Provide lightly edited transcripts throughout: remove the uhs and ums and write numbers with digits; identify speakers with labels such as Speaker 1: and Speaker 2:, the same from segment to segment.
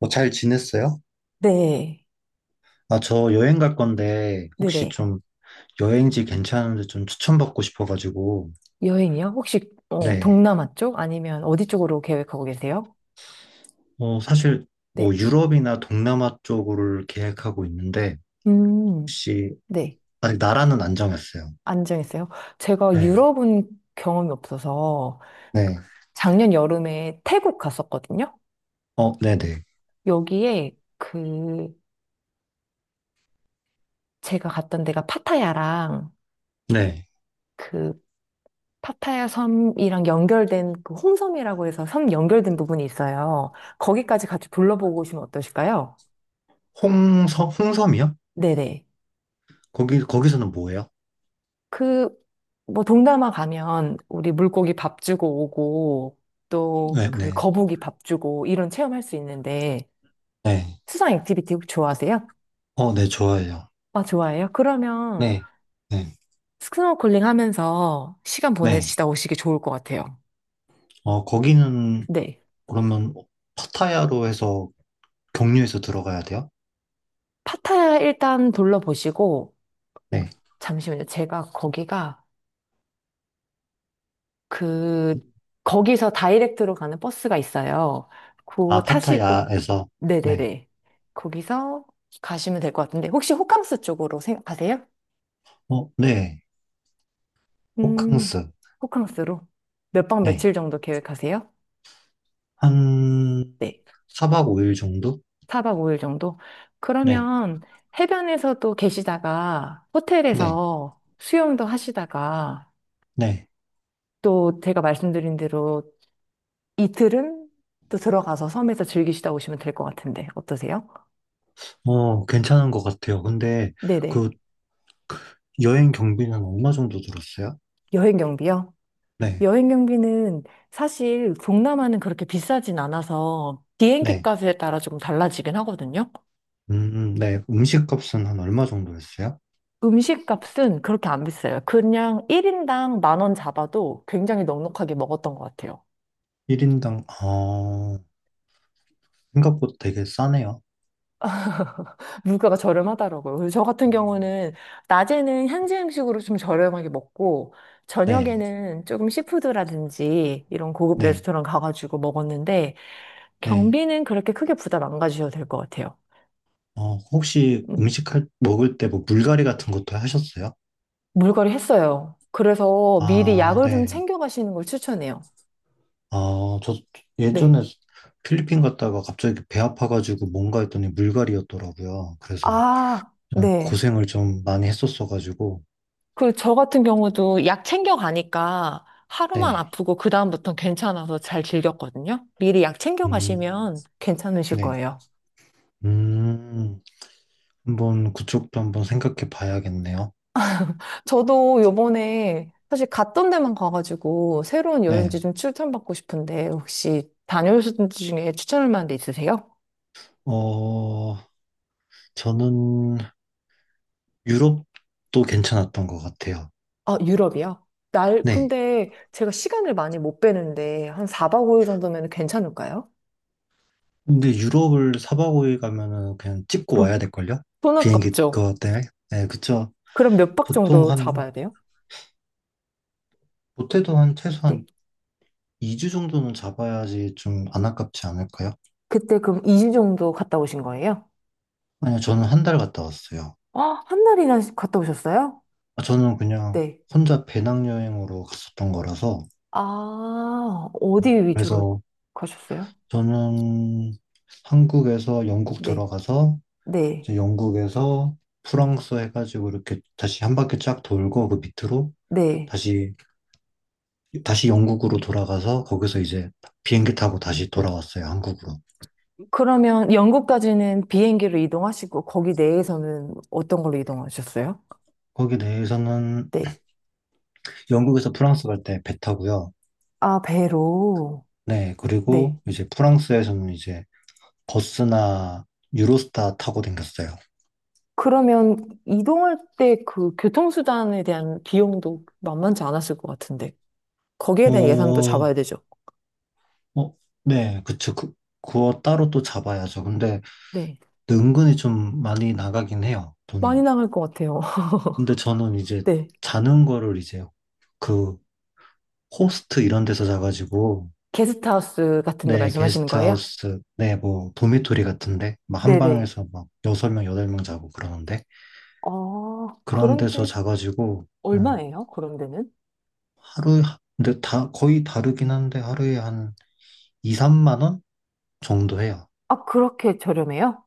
Speaker 1: 잘 지냈어요?
Speaker 2: 네.
Speaker 1: 아, 저 여행 갈 건데, 혹시
Speaker 2: 네네.
Speaker 1: 좀 여행지 괜찮은데 좀 추천받고 싶어가지고.
Speaker 2: 여행이요? 혹시
Speaker 1: 네.
Speaker 2: 동남아 쪽 아니면 어디 쪽으로 계획하고 계세요?
Speaker 1: 사실 뭐
Speaker 2: 네.
Speaker 1: 유럽이나 동남아 쪽으로 계획하고 있는데,
Speaker 2: 음,
Speaker 1: 혹시,
Speaker 2: 네.
Speaker 1: 아직 나라는 안 정했어요.
Speaker 2: 안 정했어요. 제가
Speaker 1: 네.
Speaker 2: 유럽은 경험이 없어서
Speaker 1: 네.
Speaker 2: 작년 여름에 태국 갔었거든요.
Speaker 1: 네네.
Speaker 2: 여기에 그 제가 갔던 데가 파타야랑
Speaker 1: 네.
Speaker 2: 그 파타야 섬이랑 연결된 그 홍섬이라고 해서 섬 연결된 부분이 있어요. 거기까지 같이 둘러보고 오시면 어떠실까요?
Speaker 1: 홍섬, 홍섬이요?
Speaker 2: 네네.
Speaker 1: 거기서는 뭐예요?
Speaker 2: 그, 뭐, 동남아 가면 우리 물고기 밥 주고 오고, 또
Speaker 1: 네,
Speaker 2: 그
Speaker 1: 네.
Speaker 2: 거북이 밥 주고, 이런 체험할 수 있는데,
Speaker 1: 네.
Speaker 2: 수상 액티비티 혹시 좋아하세요?
Speaker 1: 네, 좋아해요.
Speaker 2: 아, 좋아해요? 그러면
Speaker 1: 네. 네.
Speaker 2: 스노클링 하면서 시간
Speaker 1: 네.
Speaker 2: 보내시다 오시기 좋을 것 같아요.
Speaker 1: 거기는
Speaker 2: 네.
Speaker 1: 그러면 파타야로 해서 경유해서 들어가야 돼요?
Speaker 2: 파타야 일단 둘러보시고,
Speaker 1: 네.
Speaker 2: 잠시만요. 그, 거기서 다이렉트로 가는 버스가 있어요. 그거
Speaker 1: 아,
Speaker 2: 타시고,
Speaker 1: 파타야에서. 네.
Speaker 2: 네네네. 거기서 가시면 될 것 같은데, 혹시 호캉스 쪽으로 가세요?
Speaker 1: 네.
Speaker 2: 음,
Speaker 1: 호캉스.
Speaker 2: 호캉스로 몇 박
Speaker 1: 네.
Speaker 2: 며칠 정도 계획하세요?
Speaker 1: 한,
Speaker 2: 네.
Speaker 1: 4박 5일 정도?
Speaker 2: 4박 5일 정도?
Speaker 1: 네.
Speaker 2: 그러면 해변에서도 계시다가
Speaker 1: 네.
Speaker 2: 호텔에서 수영도 하시다가
Speaker 1: 네.
Speaker 2: 또 제가 말씀드린 대로 이틀은 또 들어가서 섬에서 즐기시다 오시면 될 것 같은데 어떠세요?
Speaker 1: 괜찮은 것 같아요. 근데,
Speaker 2: 네네.
Speaker 1: 그, 여행 경비는 얼마 정도 들었어요?
Speaker 2: 여행 경비요?
Speaker 1: 네.
Speaker 2: 여행 경비는 사실 동남아는 그렇게 비싸진 않아서 비행기
Speaker 1: 네.
Speaker 2: 값에 따라 조금 달라지긴 하거든요.
Speaker 1: 음, 네. 음식 값은 한 얼마 정도 했어요?
Speaker 2: 음식 값은 그렇게 안 비싸요. 그냥 1인당 만 원 잡아도 굉장히 넉넉하게 먹었던 것 같아요.
Speaker 1: 1인당, 생각보다 되게 싸네요.
Speaker 2: 물가가 저렴하더라고요. 그래서 저 같은 경우는 낮에는 현지 음식으로 좀 저렴하게 먹고
Speaker 1: 네.
Speaker 2: 저녁에는 조금 시푸드라든지 이런 고급
Speaker 1: 네.
Speaker 2: 레스토랑 가가지고 먹었는데
Speaker 1: 네.
Speaker 2: 경비는 그렇게 크게 부담 안 가지셔도 될 것 같아요.
Speaker 1: 혹시
Speaker 2: 음.
Speaker 1: 먹을 때 뭐 물갈이 같은
Speaker 2: 네.
Speaker 1: 것도 하셨어요?
Speaker 2: 물갈이 했어요. 그래서 미리
Speaker 1: 아,
Speaker 2: 약을 좀
Speaker 1: 네.
Speaker 2: 챙겨 가시는 걸 추천해요.
Speaker 1: 아, 저
Speaker 2: 네.
Speaker 1: 예전에 필리핀 갔다가 갑자기 배 아파가지고 뭔가 했더니 물갈이였더라고요. 그래서
Speaker 2: 아,
Speaker 1: 그냥
Speaker 2: 네.
Speaker 1: 고생을 좀 많이 했었어가지고.
Speaker 2: 그리고 저 같은 경우도 약 챙겨 가니까 하루만
Speaker 1: 네.
Speaker 2: 아프고 그다음부터는 괜찮아서 잘 즐겼거든요. 미리 약 챙겨
Speaker 1: 음,
Speaker 2: 가시면 괜찮으실
Speaker 1: 네.
Speaker 2: 거예요.
Speaker 1: 음, 한번 그쪽도 한번 생각해 봐야겠네요.
Speaker 2: 저도 요번에 사실 갔던 데만 가가지고 새로운
Speaker 1: 네.
Speaker 2: 여행지 좀 추천받고 싶은데 혹시 다녀오신 데 중에 추천할 만한 데 있으세요?
Speaker 1: 어, 저는 유럽도 괜찮았던 것 같아요.
Speaker 2: 아, 유럽이요?
Speaker 1: 네.
Speaker 2: 근데 제가 시간을 많이 못 빼는데, 한 4박 5일 정도면 괜찮을까요?
Speaker 1: 근데 유럽을 사 박 오 일 가면은 그냥 찍고
Speaker 2: 돈,
Speaker 1: 와야 될걸요?
Speaker 2: 돈
Speaker 1: 비행기
Speaker 2: 아깝죠?
Speaker 1: 그거 때문에? 네, 그쵸.
Speaker 2: 그럼 몇 박
Speaker 1: 보통
Speaker 2: 정도
Speaker 1: 한,
Speaker 2: 잡아야 돼요?
Speaker 1: 못해도 한
Speaker 2: 네.
Speaker 1: 최소한 2주 정도는 잡아야지 좀 안 아깝지 않을까요?
Speaker 2: 그때 그럼 2주 정도 갔다 오신 거예요?
Speaker 1: 아니요, 저는 한 달 갔다 왔어요.
Speaker 2: 아, 한 날이나 갔다 오셨어요?
Speaker 1: 아, 저는 그냥
Speaker 2: 네.
Speaker 1: 혼자 배낭여행으로 갔었던 거라서,
Speaker 2: 아, 어디 위주로
Speaker 1: 그래서
Speaker 2: 가셨어요?
Speaker 1: 저는 한국에서 영국
Speaker 2: 네.
Speaker 1: 들어가서,
Speaker 2: 네.
Speaker 1: 이제 영국에서 프랑스 해가지고 이렇게 다시 한 바퀴 쫙 돌고 그 밑으로
Speaker 2: 네.
Speaker 1: 다시, 다시 영국으로 돌아가서 거기서 이제 비행기 타고 다시 돌아왔어요, 한국으로.
Speaker 2: 그러면 영국까지는 비행기로 이동하시고, 거기 내에서는 어떤 걸로 이동하셨어요?
Speaker 1: 거기 내에서는
Speaker 2: 네.
Speaker 1: 영국에서 프랑스 갈 때 배 타고요.
Speaker 2: 아, 배로.
Speaker 1: 네,
Speaker 2: 네.
Speaker 1: 그리고 이제 프랑스에서는 이제 버스나 유로스타 타고 댕겼어요.
Speaker 2: 그러면 이동할 때 그 교통수단에 대한 비용도 만만치 않았을 것 같은데. 거기에 대한 예산도
Speaker 1: 어,
Speaker 2: 잡아야 되죠.
Speaker 1: 어, 네, 그쵸. 그, 그거 따로 또 잡아야죠. 근데
Speaker 2: 네.
Speaker 1: 은근히 좀 많이 나가긴 해요,
Speaker 2: 많이
Speaker 1: 돈이.
Speaker 2: 나갈 것 같아요.
Speaker 1: 근데 저는 이제
Speaker 2: 네.
Speaker 1: 자는 거를 이제 그 호스트 이런 데서 자가지고,
Speaker 2: 게스트하우스 같은 데
Speaker 1: 네,
Speaker 2: 말씀하시는 거예요?
Speaker 1: 게스트하우스, 네, 뭐, 도미토리 같은데, 막 한
Speaker 2: 네네.
Speaker 1: 방에서 막 여섯 명 여덟 명 자고 그러는데,
Speaker 2: 아,
Speaker 1: 그런 데서
Speaker 2: 그런데
Speaker 1: 자가지고. 네,
Speaker 2: 얼마예요? 그런데는?
Speaker 1: 하루에, 근데 다, 거의 다르긴 한데 하루에 한 2, 3만 원 정도 해요.
Speaker 2: 아, 그렇게 저렴해요?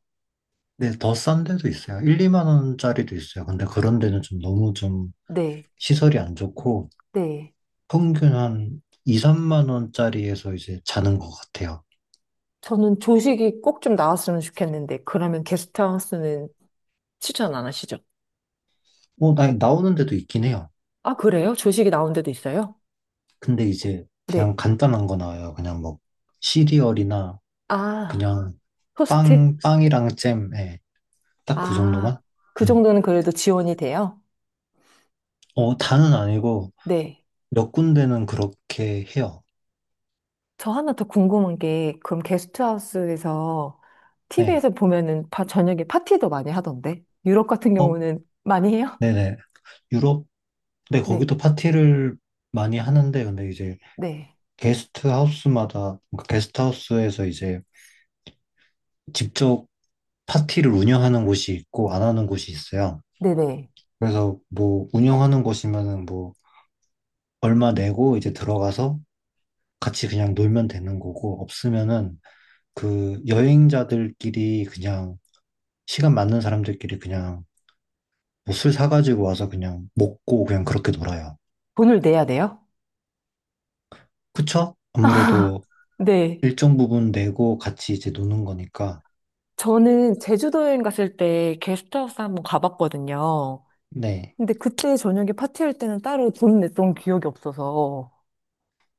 Speaker 1: 근데 더 싼 데도 있어요. 1, 2만 원짜리도 있어요. 근데 그런 데는 좀 너무 좀
Speaker 2: 네.
Speaker 1: 시설이 안 좋고
Speaker 2: 네.
Speaker 1: 평균 한 2, 3만 원짜리에서 이제 자는 것 같아요.
Speaker 2: 저는 조식이 꼭 좀 나왔으면 좋겠는데, 그러면 게스트하우스는 추천 안 하시죠?
Speaker 1: 뭐, 나오는 데도 있긴 해요.
Speaker 2: 아, 그래요? 조식이 나온 데도 있어요?
Speaker 1: 근데 이제
Speaker 2: 네.
Speaker 1: 그냥 간단한 거 나와요. 그냥 뭐 시리얼이나
Speaker 2: 아,
Speaker 1: 그냥
Speaker 2: 호스트?
Speaker 1: 빵이랑 잼, 예. 딱 그
Speaker 2: 아,
Speaker 1: 정도만?
Speaker 2: 그
Speaker 1: 예.
Speaker 2: 정도는 그래도 지원이 돼요?
Speaker 1: 다는 아니고
Speaker 2: 네.
Speaker 1: 몇 군데는 그렇게 해요.
Speaker 2: 저 하나 더 궁금한 게, 그럼 게스트하우스에서,
Speaker 1: 네.
Speaker 2: TV에서 보면은 바- 저녁에 파티도 많이 하던데? 유럽 같은
Speaker 1: 어,
Speaker 2: 경우는 많이 해요?
Speaker 1: 네네. 유럽, 근데
Speaker 2: 네,
Speaker 1: 거기도 파티를 많이 하는데, 근데 이제
Speaker 2: 네,
Speaker 1: 게스트 하우스마다, 그러니까 게스트 하우스에서 이제 직접 파티를 운영하는 곳이 있고, 안 하는 곳이 있어요.
Speaker 2: 네네.
Speaker 1: 그래서 뭐, 운영하는 곳이면은 뭐, 얼마 내고 이제 들어가서 같이 그냥 놀면 되는 거고, 없으면은 그 여행자들끼리 그냥, 시간 맞는 사람들끼리 그냥 뭐술 사가지고 와서 그냥 먹고 그냥 그렇게 놀아요.
Speaker 2: 돈을 내야 돼요?
Speaker 1: 그쵸? 아무래도
Speaker 2: 네.
Speaker 1: 일정 부분 내고 같이 이제 노는 거니까.
Speaker 2: 저는 제주도 여행 갔을 때 게스트하우스 한번 가봤거든요.
Speaker 1: 네.
Speaker 2: 근데 그때 저녁에 파티할 때는 따로 돈 냈던 기억이 없어서.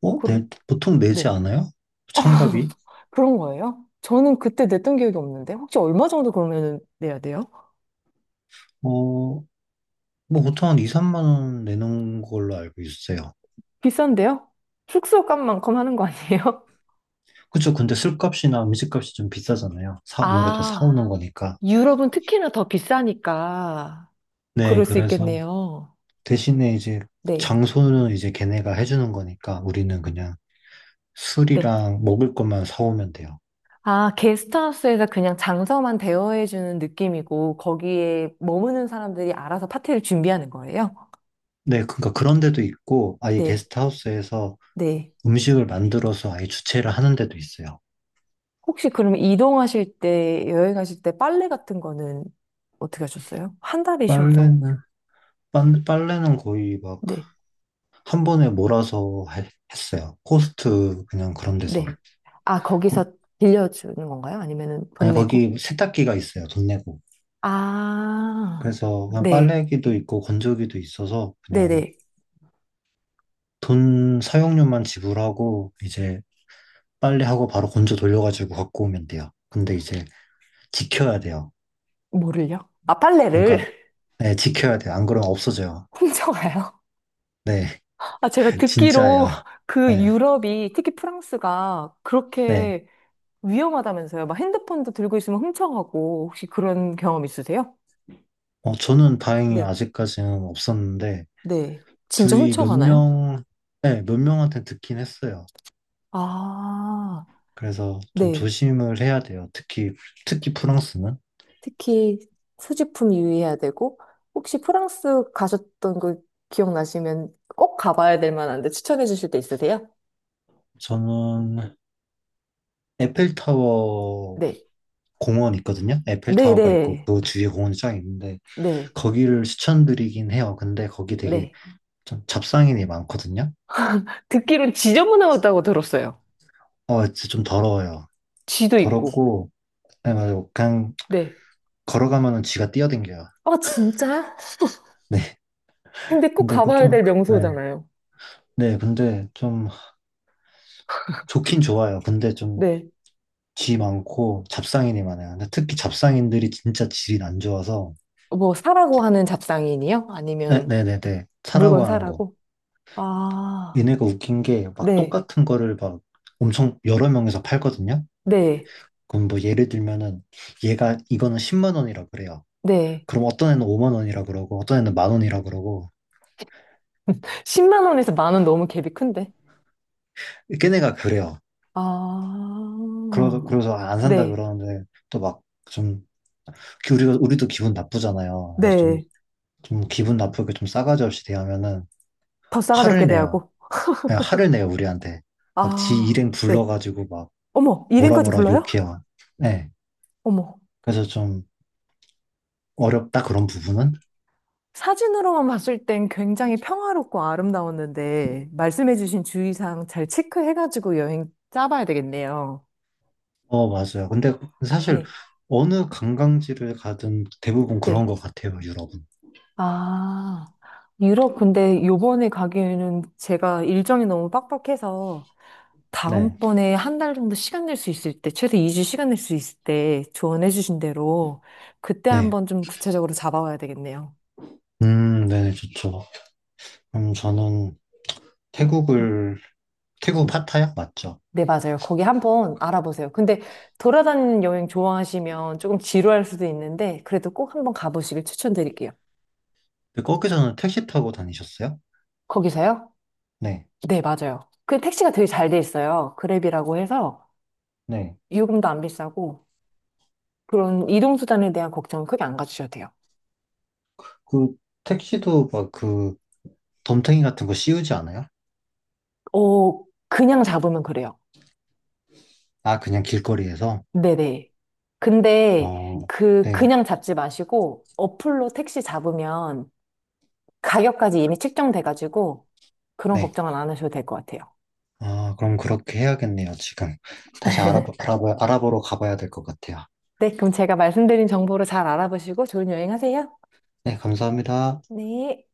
Speaker 2: 그럼,
Speaker 1: 네. 보통 내지
Speaker 2: 네.
Speaker 1: 않아요?
Speaker 2: 어,
Speaker 1: 참가비?
Speaker 2: 그런 거예요? 저는 그때 냈던 기억이 없는데 혹시 얼마 정도 그러면 내야 돼요?
Speaker 1: 뭐 보통 한 2, 3만 원 내는 걸로 알고 있어요.
Speaker 2: 비싼데요? 숙소 값만큼 하는 거 아니에요?
Speaker 1: 그쵸. 근데 술값이나 음식값이 좀 비싸잖아요. 아무래도
Speaker 2: 아,
Speaker 1: 사오는 거니까.
Speaker 2: 유럽은 특히나 더 비싸니까
Speaker 1: 네.
Speaker 2: 그럴 수
Speaker 1: 그래서
Speaker 2: 있겠네요.
Speaker 1: 대신에 이제
Speaker 2: 네.
Speaker 1: 장소는 이제 걔네가 해주는 거니까 우리는 그냥
Speaker 2: 네.
Speaker 1: 술이랑 먹을 것만 사오면 돼요.
Speaker 2: 아, 게스트하우스에서 그냥 장소만 대여해주는 느낌이고 거기에 머무는 사람들이 알아서 파티를 준비하는 거예요?
Speaker 1: 네. 그러니까 그런 데도 있고 아예
Speaker 2: 네,
Speaker 1: 게스트하우스에서
Speaker 2: 네.
Speaker 1: 음식을 만들어서 아예 주최를 하는 데도 있어요.
Speaker 2: 혹시 그럼 이동하실 때, 여행하실 때 빨래 같은 거는 어떻게 하셨어요? 한 달이셔서.
Speaker 1: 빨래는 빨래는 거의 막
Speaker 2: 네,
Speaker 1: 한 번에 몰아서 했어요. 코스트 그냥 그런 데서.
Speaker 2: 네. 아,
Speaker 1: 거,
Speaker 2: 거기서 빌려주는 건가요? 아니면은 돈
Speaker 1: 아니
Speaker 2: 내고?
Speaker 1: 거기 세탁기가 있어요. 돈 내고.
Speaker 2: 아,
Speaker 1: 그래서 그냥
Speaker 2: 네,
Speaker 1: 빨래기도 있고 건조기도 있어서 그냥
Speaker 2: 네네.
Speaker 1: 돈 사용료만 지불하고 이제 빨래하고 바로 건조 돌려가지고 갖고 오면 돼요. 근데 이제 지켜야 돼요.
Speaker 2: 뭐를요? 아, 빨래를
Speaker 1: 그러니까 네, 지켜야 돼요. 안 그러면 없어져요.
Speaker 2: 훔쳐가요?
Speaker 1: 네,
Speaker 2: 아, 제가 듣기로
Speaker 1: 진짜예요.
Speaker 2: 그
Speaker 1: 네,
Speaker 2: 유럽이, 특히 프랑스가
Speaker 1: 네.
Speaker 2: 그렇게 위험하다면서요. 막 핸드폰도 들고 있으면 훔쳐가고, 혹시 그런 경험 있으세요?
Speaker 1: 저는 다행히
Speaker 2: 네,
Speaker 1: 아직까지는 없었는데
Speaker 2: 네. 진짜
Speaker 1: 주위 몇
Speaker 2: 훔쳐가나요?
Speaker 1: 명, 네, 몇 명한테 듣긴 했어요.
Speaker 2: 아,
Speaker 1: 그래서 좀
Speaker 2: 네.
Speaker 1: 조심을 해야 돼요. 특히, 특히 프랑스는.
Speaker 2: 특히 소지품 유의해야 되고, 혹시 프랑스 가셨던 거 기억나시면 꼭 가봐야 될 만한데 추천해 주실 데 있으세요?
Speaker 1: 저는 에펠타워
Speaker 2: 네.
Speaker 1: 공원 있거든요. 에펠타워가 있고
Speaker 2: 네네.
Speaker 1: 그 주위에 공원이 쫙 있는데
Speaker 2: 네.
Speaker 1: 거기를 추천드리긴 해요. 근데 거기 되게
Speaker 2: 네.
Speaker 1: 좀 잡상인이 많거든요.
Speaker 2: 듣기론 지저분하다고 들었어요.
Speaker 1: 진짜 좀 더러워요.
Speaker 2: 쥐도 있고.
Speaker 1: 더럽고, 네, 맞아요. 그냥
Speaker 2: 네.
Speaker 1: 걸어가면은 쥐가 뛰어댕겨요.
Speaker 2: 아, 진짜?
Speaker 1: 네.
Speaker 2: 근데 꼭
Speaker 1: 근데 그
Speaker 2: 가봐야
Speaker 1: 좀,
Speaker 2: 될
Speaker 1: 네.
Speaker 2: 명소잖아요.
Speaker 1: 네, 근데 좀 좋긴 좋아요. 근데 좀
Speaker 2: 네.
Speaker 1: 쥐 많고 잡상인이 많아요. 근데 특히 잡상인들이 진짜 질이 안 좋아서
Speaker 2: 뭐, 사라고 하는 잡상인이요?
Speaker 1: 네,
Speaker 2: 아니면
Speaker 1: 네네네
Speaker 2: 물건
Speaker 1: 차라고 하는 거.
Speaker 2: 사라고? 아,
Speaker 1: 얘네가 웃긴 게 막
Speaker 2: 네.
Speaker 1: 똑같은 거를 막 엄청 여러 명에서 팔거든요.
Speaker 2: 네.
Speaker 1: 그럼 뭐 예를 들면은 얘가 이거는 10만 원이라 그래요.
Speaker 2: 네.
Speaker 1: 그럼 어떤 애는 5만 원이라 그러고 어떤 애는 만 원이라 그러고
Speaker 2: 10만 원에서 만 원 너무 갭이 큰데.
Speaker 1: 걔네가 그래요.
Speaker 2: 아,
Speaker 1: 그래서 안 산다
Speaker 2: 네,
Speaker 1: 그러는데 또 막 좀 우리가 우리도 기분 나쁘잖아요. 그래서 좀,
Speaker 2: 네.
Speaker 1: 좀 기분 나쁘게 좀 싸가지 없이 대하면은
Speaker 2: 더 싸가지 없게
Speaker 1: 화를 내요.
Speaker 2: 대하고.
Speaker 1: 그냥 화를 내요, 우리한테. 막 지
Speaker 2: 아,
Speaker 1: 일행
Speaker 2: 네.
Speaker 1: 불러가지고 막
Speaker 2: 어머,
Speaker 1: 뭐라
Speaker 2: 이름까지
Speaker 1: 뭐라
Speaker 2: 불러요?
Speaker 1: 욕해요. 네.
Speaker 2: 어머.
Speaker 1: 그래서 좀 어렵다, 그런 부분은?
Speaker 2: 사진으로만 봤을 땐 굉장히 평화롭고 아름다웠는데, 말씀해주신 주의사항 잘 체크해가지고 여행 짜봐야 되겠네요.
Speaker 1: 맞아요. 근데 사실
Speaker 2: 네,
Speaker 1: 어느 관광지를 가든 대부분 그런
Speaker 2: 네.
Speaker 1: 것 같아요, 유럽은.
Speaker 2: 아, 유럽 근데 요번에 가기에는 제가 일정이 너무 빡빡해서,
Speaker 1: 네.
Speaker 2: 다음번에 한 달 정도 시간 낼 수 있을 때, 최소 2주 시간 낼 수 있을 때 조언해주신 대로, 그때
Speaker 1: 네.
Speaker 2: 한번 좀 구체적으로 잡아와야 되겠네요.
Speaker 1: 네네, 좋죠. 저는
Speaker 2: 네,
Speaker 1: 태국을, 태국 파타야? 맞죠.
Speaker 2: 네, 맞아요. 거기 한번 알아보세요. 근데 돌아다니는 여행 좋아하시면 조금 지루할 수도 있는데, 그래도 꼭 한번 가보시길 추천드릴게요.
Speaker 1: 근데 거기서는 택시 타고 다니셨어요?
Speaker 2: 거기서요?
Speaker 1: 네.
Speaker 2: 네, 맞아요. 그 택시가 되게 잘 돼 있어요. 그랩이라고 해서
Speaker 1: 네.
Speaker 2: 요금도 안 비싸고, 그런 이동수단에 대한 걱정은 크게 안 가지셔도 돼요.
Speaker 1: 그 택시도 막 그 덤탱이 같은 거 씌우지 않아요?
Speaker 2: 어, 그냥 잡으면 그래요.
Speaker 1: 아, 그냥 길거리에서?
Speaker 2: 네네. 근데
Speaker 1: 어,
Speaker 2: 그,
Speaker 1: 네.
Speaker 2: 그냥 잡지 마시고, 어플로 택시 잡으면 가격까지 이미 측정돼가지고, 그런
Speaker 1: 네.
Speaker 2: 걱정은 안 하셔도 될 것 같아요.
Speaker 1: 아, 그럼 그렇게 해야겠네요, 지금. 다시 알아보러 가봐야 될 것 같아요.
Speaker 2: 네, 그럼 제가 말씀드린 정보로 잘 알아보시고 좋은 여행 하세요.
Speaker 1: 네, 감사합니다.
Speaker 2: 네.